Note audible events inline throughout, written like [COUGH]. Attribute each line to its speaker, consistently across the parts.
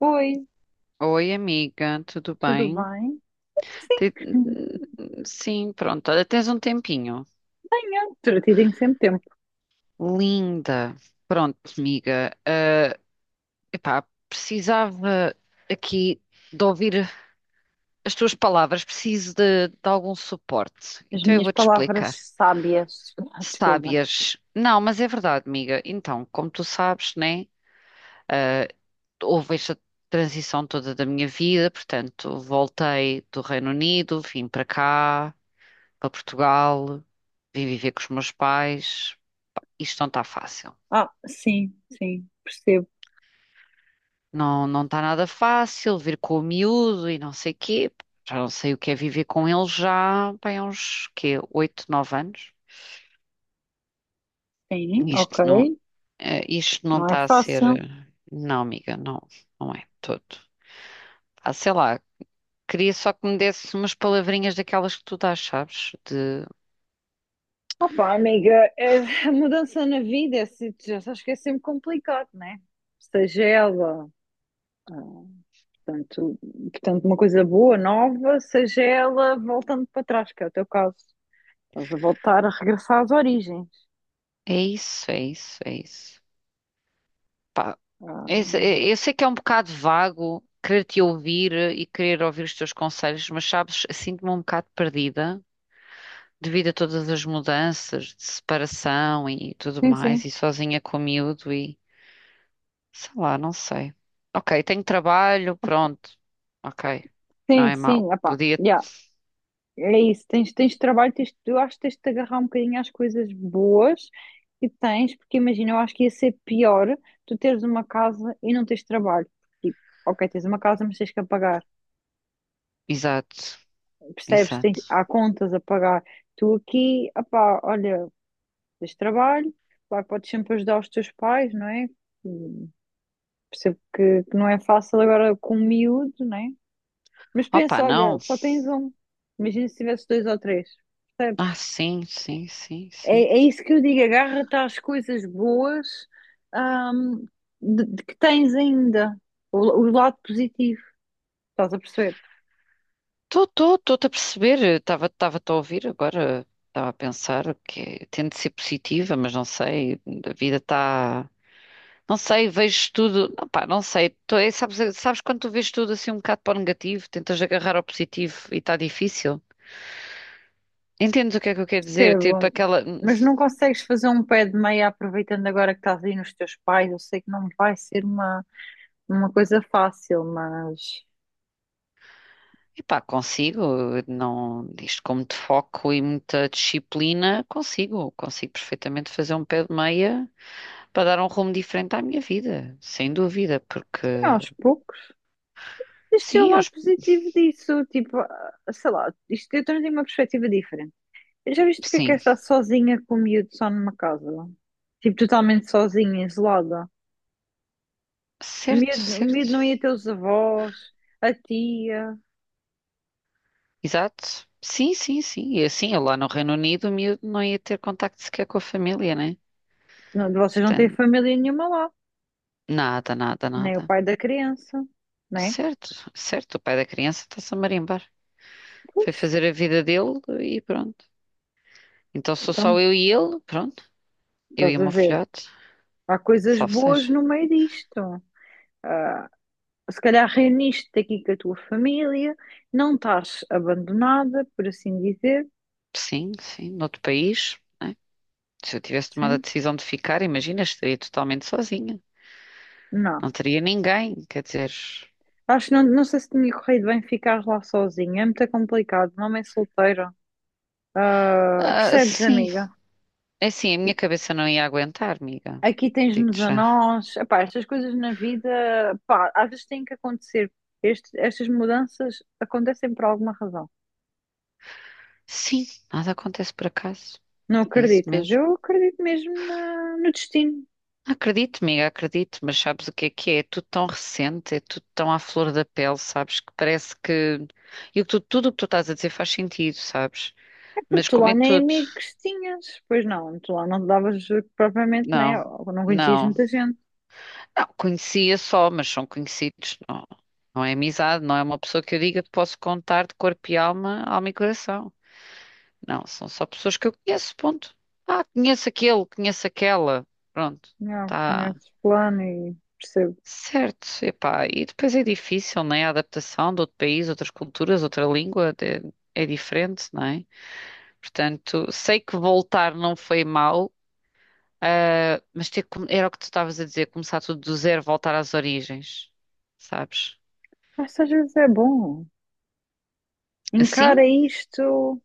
Speaker 1: Oi,
Speaker 2: Oi, amiga, tudo
Speaker 1: tudo
Speaker 2: bem?
Speaker 1: bem?
Speaker 2: Te-
Speaker 1: Sim, [LAUGHS]
Speaker 2: Sim, pronto, olha, tens um tempinho.
Speaker 1: tenho. Tudo tem sempre tempo.
Speaker 2: Linda. Pronto, amiga, epá, precisava aqui de ouvir as tuas palavras, preciso de algum suporte.
Speaker 1: As
Speaker 2: Então eu
Speaker 1: minhas
Speaker 2: vou-te
Speaker 1: palavras
Speaker 2: explicar.
Speaker 1: sábias. [LAUGHS] Desculpa.
Speaker 2: Sábias. Não, mas é verdade, amiga. Então, como tu sabes, né? Houve esta transição toda da minha vida, portanto, voltei do Reino Unido, vim para cá. Para Portugal, vim viver com os meus pais. Isto não está fácil.
Speaker 1: Ah, sim, percebo.
Speaker 2: Não, não está nada fácil vir com o miúdo e não sei quê. Já não sei o que é viver com ele já, bem, há uns quê, oito, nove anos.
Speaker 1: Sim, ok.
Speaker 2: Isto não, isto não
Speaker 1: Não é
Speaker 2: está a ser.
Speaker 1: fácil.
Speaker 2: Não, amiga, não, não é todo. Ah, sei lá, queria só que me desse umas palavrinhas daquelas que tu dás, sabes? De
Speaker 1: Opa, amiga, a mudança na vida, é, já sabes que é sempre complicado, né? Seja ela, ah, portanto, portanto, uma coisa boa, nova, seja ela voltando para trás, que é o teu caso. Estás a voltar a regressar às origens.
Speaker 2: é isso, é isso, é isso.
Speaker 1: Ah,
Speaker 2: Eu, sei que é um bocado vago querer te ouvir e querer ouvir os teus conselhos, mas sabes, sinto-me um bocado perdida devido a todas as mudanças de separação e tudo
Speaker 1: sim,
Speaker 2: mais,
Speaker 1: sim,
Speaker 2: e sozinha com o miúdo e sei lá, não sei. Ok, tenho trabalho, pronto. Ok, não
Speaker 1: sim,
Speaker 2: é mau.
Speaker 1: sim, epá,
Speaker 2: Podia.
Speaker 1: já. É isso, tens, tens trabalho, tens, eu acho que tens de te agarrar um bocadinho às coisas boas que tens, porque imagina, eu acho que ia ser pior tu teres uma casa e não tens trabalho. Tipo, ok, tens uma casa, mas tens que a pagar,
Speaker 2: Exato,
Speaker 1: percebes? Tens,
Speaker 2: exato.
Speaker 1: há contas a pagar. Tu aqui, opá, olha, tens trabalho, claro que podes sempre ajudar os teus pais, não é? Hum, Percebo que não é fácil agora com o miúdo, não é? Mas
Speaker 2: Opa,
Speaker 1: pensa, olha,
Speaker 2: não.
Speaker 1: só tens um. Imagina se tivesse dois ou três, percebes?
Speaker 2: Ah, sim, sim, sim,
Speaker 1: É,
Speaker 2: sim.
Speaker 1: é isso que eu digo, agarra-te às coisas boas, ahm, de que tens ainda, o lado positivo, estás a perceber?
Speaker 2: Estou-te a perceber, estava-te a ouvir agora, estava a pensar que tento ser positiva, mas não sei, a vida está. Não sei, vejo tudo. Não, pá, não sei. Tô, é, sabes, sabes quando tu vês tudo assim um bocado para o negativo, tentas agarrar ao positivo e está difícil? Entendes o que é que eu quero dizer? Tipo
Speaker 1: Percebo,
Speaker 2: aquela.
Speaker 1: mas não consegues fazer um pé de meia aproveitando agora que estás aí nos teus pais. Eu sei que não vai ser uma coisa fácil, mas
Speaker 2: Epá, consigo, não, isto com muito foco e muita disciplina, consigo perfeitamente fazer um pé de meia para dar um rumo diferente à minha vida, sem dúvida,
Speaker 1: é,
Speaker 2: porque.
Speaker 1: aos poucos. Este é o
Speaker 2: Sim,
Speaker 1: lado
Speaker 2: aos-
Speaker 1: positivo disso, tipo, ah, sei lá, isto eu tenho uma perspectiva diferente. Já viste o que é
Speaker 2: sim,
Speaker 1: estar sozinha com o miúdo só numa casa? Tipo, totalmente sozinha, isolada. O
Speaker 2: certo,
Speaker 1: miúdo, o
Speaker 2: certo,
Speaker 1: miúdo não ia ter os avós, a tia.
Speaker 2: exato. Sim, sim, sim. E assim, eu lá no Reino Unido, o miúdo não ia ter contacto sequer com a família, né?
Speaker 1: Não, vocês não têm
Speaker 2: Portanto,
Speaker 1: família nenhuma lá,
Speaker 2: nada, nada,
Speaker 1: nem o
Speaker 2: nada.
Speaker 1: pai da criança, né?
Speaker 2: Certo, certo. O pai da criança está-se a marimbar. Foi
Speaker 1: Pois,
Speaker 2: fazer a vida dele e pronto. Então sou
Speaker 1: então,
Speaker 2: só eu e ele, pronto. Eu e
Speaker 1: estás
Speaker 2: o
Speaker 1: a
Speaker 2: meu
Speaker 1: ver.
Speaker 2: filhote,
Speaker 1: Há coisas
Speaker 2: salve
Speaker 1: boas
Speaker 2: seja.
Speaker 1: no meio disto. Ah, se calhar reuniste-te aqui com a tua família, não estás abandonada, por assim dizer.
Speaker 2: Sim, sim, noutro país, né? Se eu tivesse tomado a
Speaker 1: Sim?
Speaker 2: decisão de ficar, imagina, estaria totalmente sozinha.
Speaker 1: Não.
Speaker 2: Não teria ninguém, quer dizer.
Speaker 1: Acho que não, não sei se tinha corrido bem ficar lá sozinha. É muito complicado. Uma mãe solteira. Ah,
Speaker 2: Ah,
Speaker 1: percebes,
Speaker 2: sim.
Speaker 1: amiga?
Speaker 2: É assim, a minha cabeça não ia aguentar, amiga.
Speaker 1: Aqui tens-nos
Speaker 2: Digo-te
Speaker 1: a
Speaker 2: já.
Speaker 1: nós. Epá, estas coisas na vida, pá, às vezes têm que acontecer. Estas mudanças acontecem por alguma razão.
Speaker 2: Sim, nada acontece por acaso.
Speaker 1: Não
Speaker 2: É isso
Speaker 1: acreditas?
Speaker 2: mesmo.
Speaker 1: Eu acredito mesmo no destino.
Speaker 2: Acredito, amiga, acredito, mas sabes o que é que é? É tudo tão recente, é tudo tão à flor da pele, sabes? Que parece que. E o tudo o que tu estás a dizer faz sentido, sabes?
Speaker 1: É porque
Speaker 2: Mas
Speaker 1: tu
Speaker 2: como
Speaker 1: lá
Speaker 2: é
Speaker 1: nem
Speaker 2: tudo?
Speaker 1: amigos tinhas. Pois não, tu lá não te davas propriamente, né?
Speaker 2: Não,
Speaker 1: Ou não conhecias
Speaker 2: não.
Speaker 1: muita gente.
Speaker 2: Não, conhecia só, mas são conhecidos. Não, não é amizade, não é uma pessoa que eu diga que posso contar de corpo e alma, alma e coração. Não, são só pessoas que eu conheço, ponto. Ah, conheço aquele, conheço aquela. Pronto,
Speaker 1: Não,
Speaker 2: tá
Speaker 1: conheces plano e percebo.
Speaker 2: certo. Epá, e depois é difícil, né? A adaptação de outro país, outras culturas, outra língua é diferente, não é? Portanto, sei que voltar não foi mau, mas ter, era o que tu estavas a dizer, começar tudo do zero, voltar às origens, sabes?
Speaker 1: Mas às vezes é bom.
Speaker 2: Assim,
Speaker 1: Encara isto.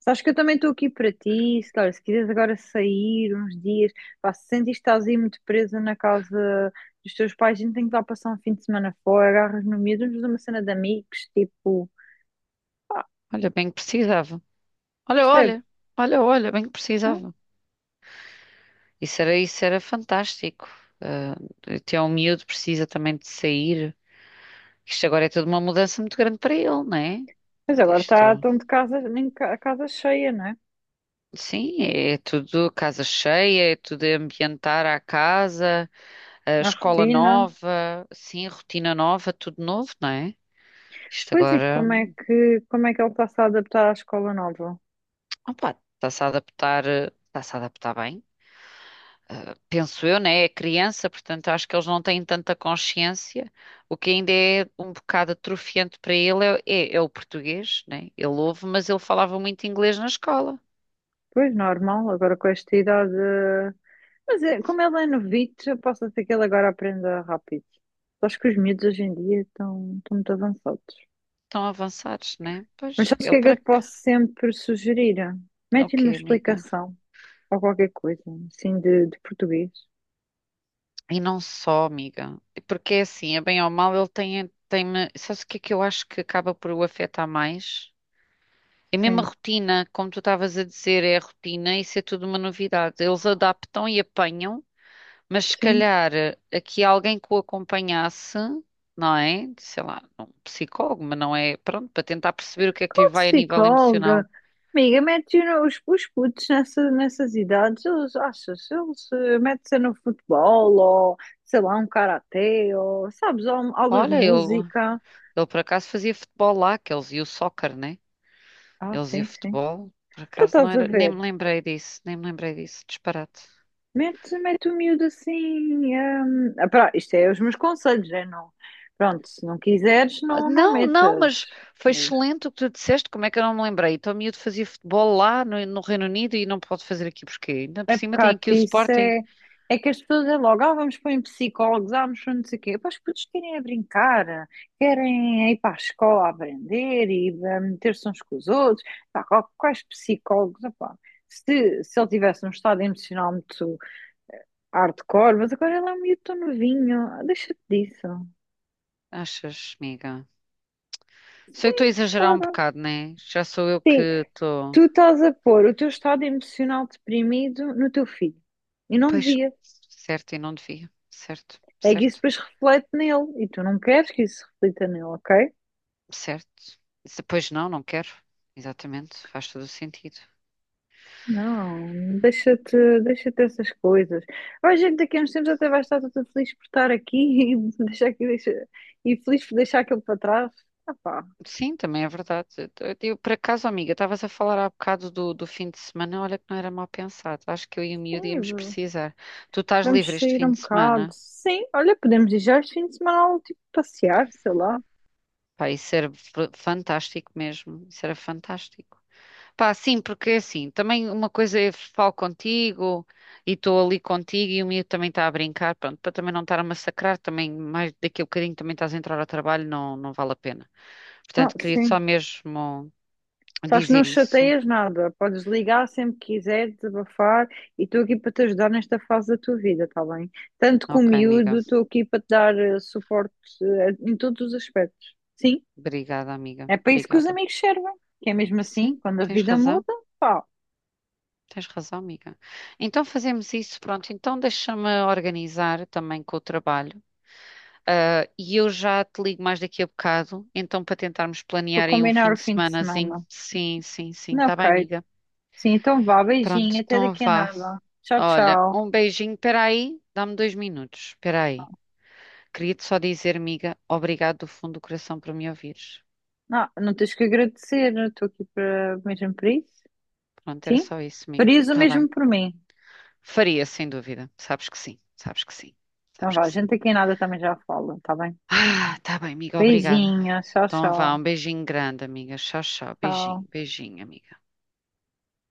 Speaker 1: Sabes que eu também estou aqui para ti, se, olha, se quiseres agora sair uns dias, pá, se sentires que estás aí muito presa na casa dos teus pais, a gente tem que lá passar um fim de semana fora, agarras no miúdo, vamos fazer uma cena de amigos, tipo, pá,
Speaker 2: olha, bem que precisava. Olha,
Speaker 1: percebes,
Speaker 2: olha, olha, olha, bem que
Speaker 1: não?
Speaker 2: precisava. Isso era fantástico. Ah, até um miúdo precisa também de sair. Isto agora é tudo uma mudança muito grande para ele, não é?
Speaker 1: Mas agora tá,
Speaker 2: Isto,
Speaker 1: estão de casa, nem ca- a casa cheia, não é?
Speaker 2: sim, é tudo casa cheia, é tudo ambientar a casa, a
Speaker 1: A
Speaker 2: escola
Speaker 1: rotina.
Speaker 2: nova, sim, rotina nova, tudo novo, não é? Isto
Speaker 1: Pois e
Speaker 2: agora,
Speaker 1: como é que ele está-se a adaptar à escola nova?
Speaker 2: opa, está-se a adaptar, está-se a adaptar bem. Penso eu, né? É criança, portanto acho que eles não têm tanta consciência. O que ainda é um bocado atrofiante para ele é o português, né? Ele ouve, mas ele falava muito inglês na escola.
Speaker 1: Pois, normal, agora com esta idade. Mas é, como ele é novito, eu posso ser que ele agora aprenda rápido. Acho que os miúdos hoje em dia estão, estão muito avançados.
Speaker 2: Tão avançados, né?
Speaker 1: Mas
Speaker 2: Pois,
Speaker 1: sabes o que
Speaker 2: ele
Speaker 1: é que
Speaker 2: para
Speaker 1: eu te
Speaker 2: quê?
Speaker 1: posso sempre sugerir? Mete-lhe
Speaker 2: Ok,
Speaker 1: uma
Speaker 2: amiga.
Speaker 1: explicação ou qualquer coisa, assim, de português.
Speaker 2: E não só, amiga. Porque é assim, é bem ou mal, ele tem... Sabes o que é que eu acho que acaba por o afetar mais? É mesmo a
Speaker 1: Sim,
Speaker 2: rotina, como tu estavas a dizer, é a rotina, isso é tudo uma novidade. Eles adaptam e apanham. Mas se
Speaker 1: sim.
Speaker 2: calhar aqui alguém que o acompanhasse, não é? Sei lá, um psicólogo, mas não é. Pronto, para tentar perceber o que é que lhe
Speaker 1: Qual
Speaker 2: vai a nível emocional.
Speaker 1: psicóloga? Amiga, mete os putos nessa, nessas idades, eles, achas, eles metem-se no futebol ou, sei lá, um karatê ou, sabes, ou aulas de
Speaker 2: Olha, ele,
Speaker 1: música.
Speaker 2: ele por acaso fazia futebol lá, que eles iam o soccer, né?
Speaker 1: Ah,
Speaker 2: Eles iam o
Speaker 1: sim, sim.
Speaker 2: futebol. Por
Speaker 1: Tu
Speaker 2: acaso não
Speaker 1: estás a
Speaker 2: era. Nem
Speaker 1: ver?
Speaker 2: me lembrei disso, nem me lembrei disso. Disparate.
Speaker 1: Mete, mete o miúdo assim. Hum, ah, pá, isto é os meus conselhos, é não. Pronto, se não quiseres, não, não
Speaker 2: Não, não,
Speaker 1: metas.
Speaker 2: mas foi
Speaker 1: Mas
Speaker 2: excelente o que tu disseste. Como é que eu não me lembrei? Então, o miúdo fazia futebol lá no Reino Unido e não pode fazer aqui porquê? Ainda por
Speaker 1: é
Speaker 2: cima tem
Speaker 1: pecado,
Speaker 2: aqui o
Speaker 1: isso
Speaker 2: Sporting.
Speaker 1: é, é que as pessoas é logo, ah, vamos pôr em psicólogos, ah, vamos pôr não sei o quê. Pá, os putos querem é brincar, querem é ir para a escola aprender e ah, meter-se uns com os outros. Pá, quais psicólogos? Ah, pá. Se ele tivesse um estado emocional muito hardcore, mas agora ele é um miúdo tão novinho, ah, deixa-te disso.
Speaker 2: Achas, amiga? Sei que estou a exagerar um
Speaker 1: Claro.
Speaker 2: bocado, né? Já sou eu que
Speaker 1: Sim,
Speaker 2: estou.
Speaker 1: tu estás a pôr o teu estado emocional deprimido no teu filho. E não
Speaker 2: Pois,
Speaker 1: devia.
Speaker 2: certo, e não devia. Certo,
Speaker 1: É que isso
Speaker 2: certo,
Speaker 1: depois reflete nele. E tu não queres que isso se reflita nele, ok?
Speaker 2: certo. Pois não, não quero. Exatamente, faz todo o sentido.
Speaker 1: Não, deixa-te, deixa-te essas coisas. Vai, gente, daqui a uns tempos até vais estar toda feliz por estar aqui [LAUGHS] e deixar que deixa, e feliz por deixar aquilo para trás. Ah pá,
Speaker 2: Sim, também é verdade. Por acaso, amiga, estavas a falar há bocado do fim de semana. Olha que não era mal pensado. Acho que eu e o miúdo
Speaker 1: sim,
Speaker 2: íamos precisar. Tu estás livre
Speaker 1: vamos
Speaker 2: este
Speaker 1: sair
Speaker 2: fim
Speaker 1: um
Speaker 2: de
Speaker 1: bocado.
Speaker 2: semana?
Speaker 1: Sim, olha, podemos ir já este fim de semana, tipo, passear, sei lá.
Speaker 2: Pá, isso era fantástico mesmo. Isso era fantástico. Pá, sim, porque é assim, também uma coisa é falo contigo e estou ali contigo e o miúdo também está a brincar, pronto, para também não estar a massacrar, também mais daqui a bocadinho também estás a entrar ao trabalho, não, não vale a pena.
Speaker 1: Ah,
Speaker 2: Portanto, queria só
Speaker 1: sim.
Speaker 2: mesmo
Speaker 1: Sabes, não
Speaker 2: dizer isso.
Speaker 1: chateias nada, podes ligar sempre que quiseres, desabafar, e estou aqui para te ajudar nesta fase da tua vida, está bem? Tanto com o
Speaker 2: Ok, amiga.
Speaker 1: miúdo, estou aqui para te dar suporte em todos os aspectos. Sim,
Speaker 2: Obrigada, amiga.
Speaker 1: é para isso que os
Speaker 2: Obrigada.
Speaker 1: amigos servem, que é mesmo assim,
Speaker 2: Sim,
Speaker 1: quando a
Speaker 2: tens
Speaker 1: vida
Speaker 2: razão.
Speaker 1: muda, pá,
Speaker 2: Tens razão, amiga. Então fazemos isso, pronto. Então deixa-me organizar também com o trabalho. E eu já te ligo mais daqui a bocado, então para tentarmos
Speaker 1: para
Speaker 2: planear aí um
Speaker 1: combinar
Speaker 2: fim
Speaker 1: o
Speaker 2: de
Speaker 1: fim de
Speaker 2: semanazinho.
Speaker 1: semana.
Speaker 2: Sim, sim, sim,
Speaker 1: Não,
Speaker 2: tá bem,
Speaker 1: ok.
Speaker 2: amiga.
Speaker 1: Sim, então vá,
Speaker 2: Pronto,
Speaker 1: beijinho, até
Speaker 2: então
Speaker 1: daqui a
Speaker 2: vá.
Speaker 1: nada. Tchau,
Speaker 2: Olha,
Speaker 1: tchau.
Speaker 2: um beijinho, peraí, dá-me 2 minutos, peraí. Queria-te só dizer, amiga, obrigado do fundo do coração por me ouvires.
Speaker 1: Não, não tens que agradecer, estou aqui para, mesmo para isso.
Speaker 2: Pronto, era
Speaker 1: Sim?
Speaker 2: só isso, amiga.
Speaker 1: Farias o
Speaker 2: Tá bem.
Speaker 1: mesmo por mim.
Speaker 2: Faria, sem dúvida. Sabes que sim, sabes que sim,
Speaker 1: Então
Speaker 2: sabes
Speaker 1: vá,
Speaker 2: que
Speaker 1: a
Speaker 2: sim.
Speaker 1: gente aqui em nada também já fala, tá bem?
Speaker 2: Ah, tá bem, amiga, obrigada.
Speaker 1: Beijinhos, tchau,
Speaker 2: Então vá,
Speaker 1: tchau.
Speaker 2: um beijinho grande, amiga. Tchau, tchau.
Speaker 1: Tchau.
Speaker 2: Beijinho, beijinho, amiga.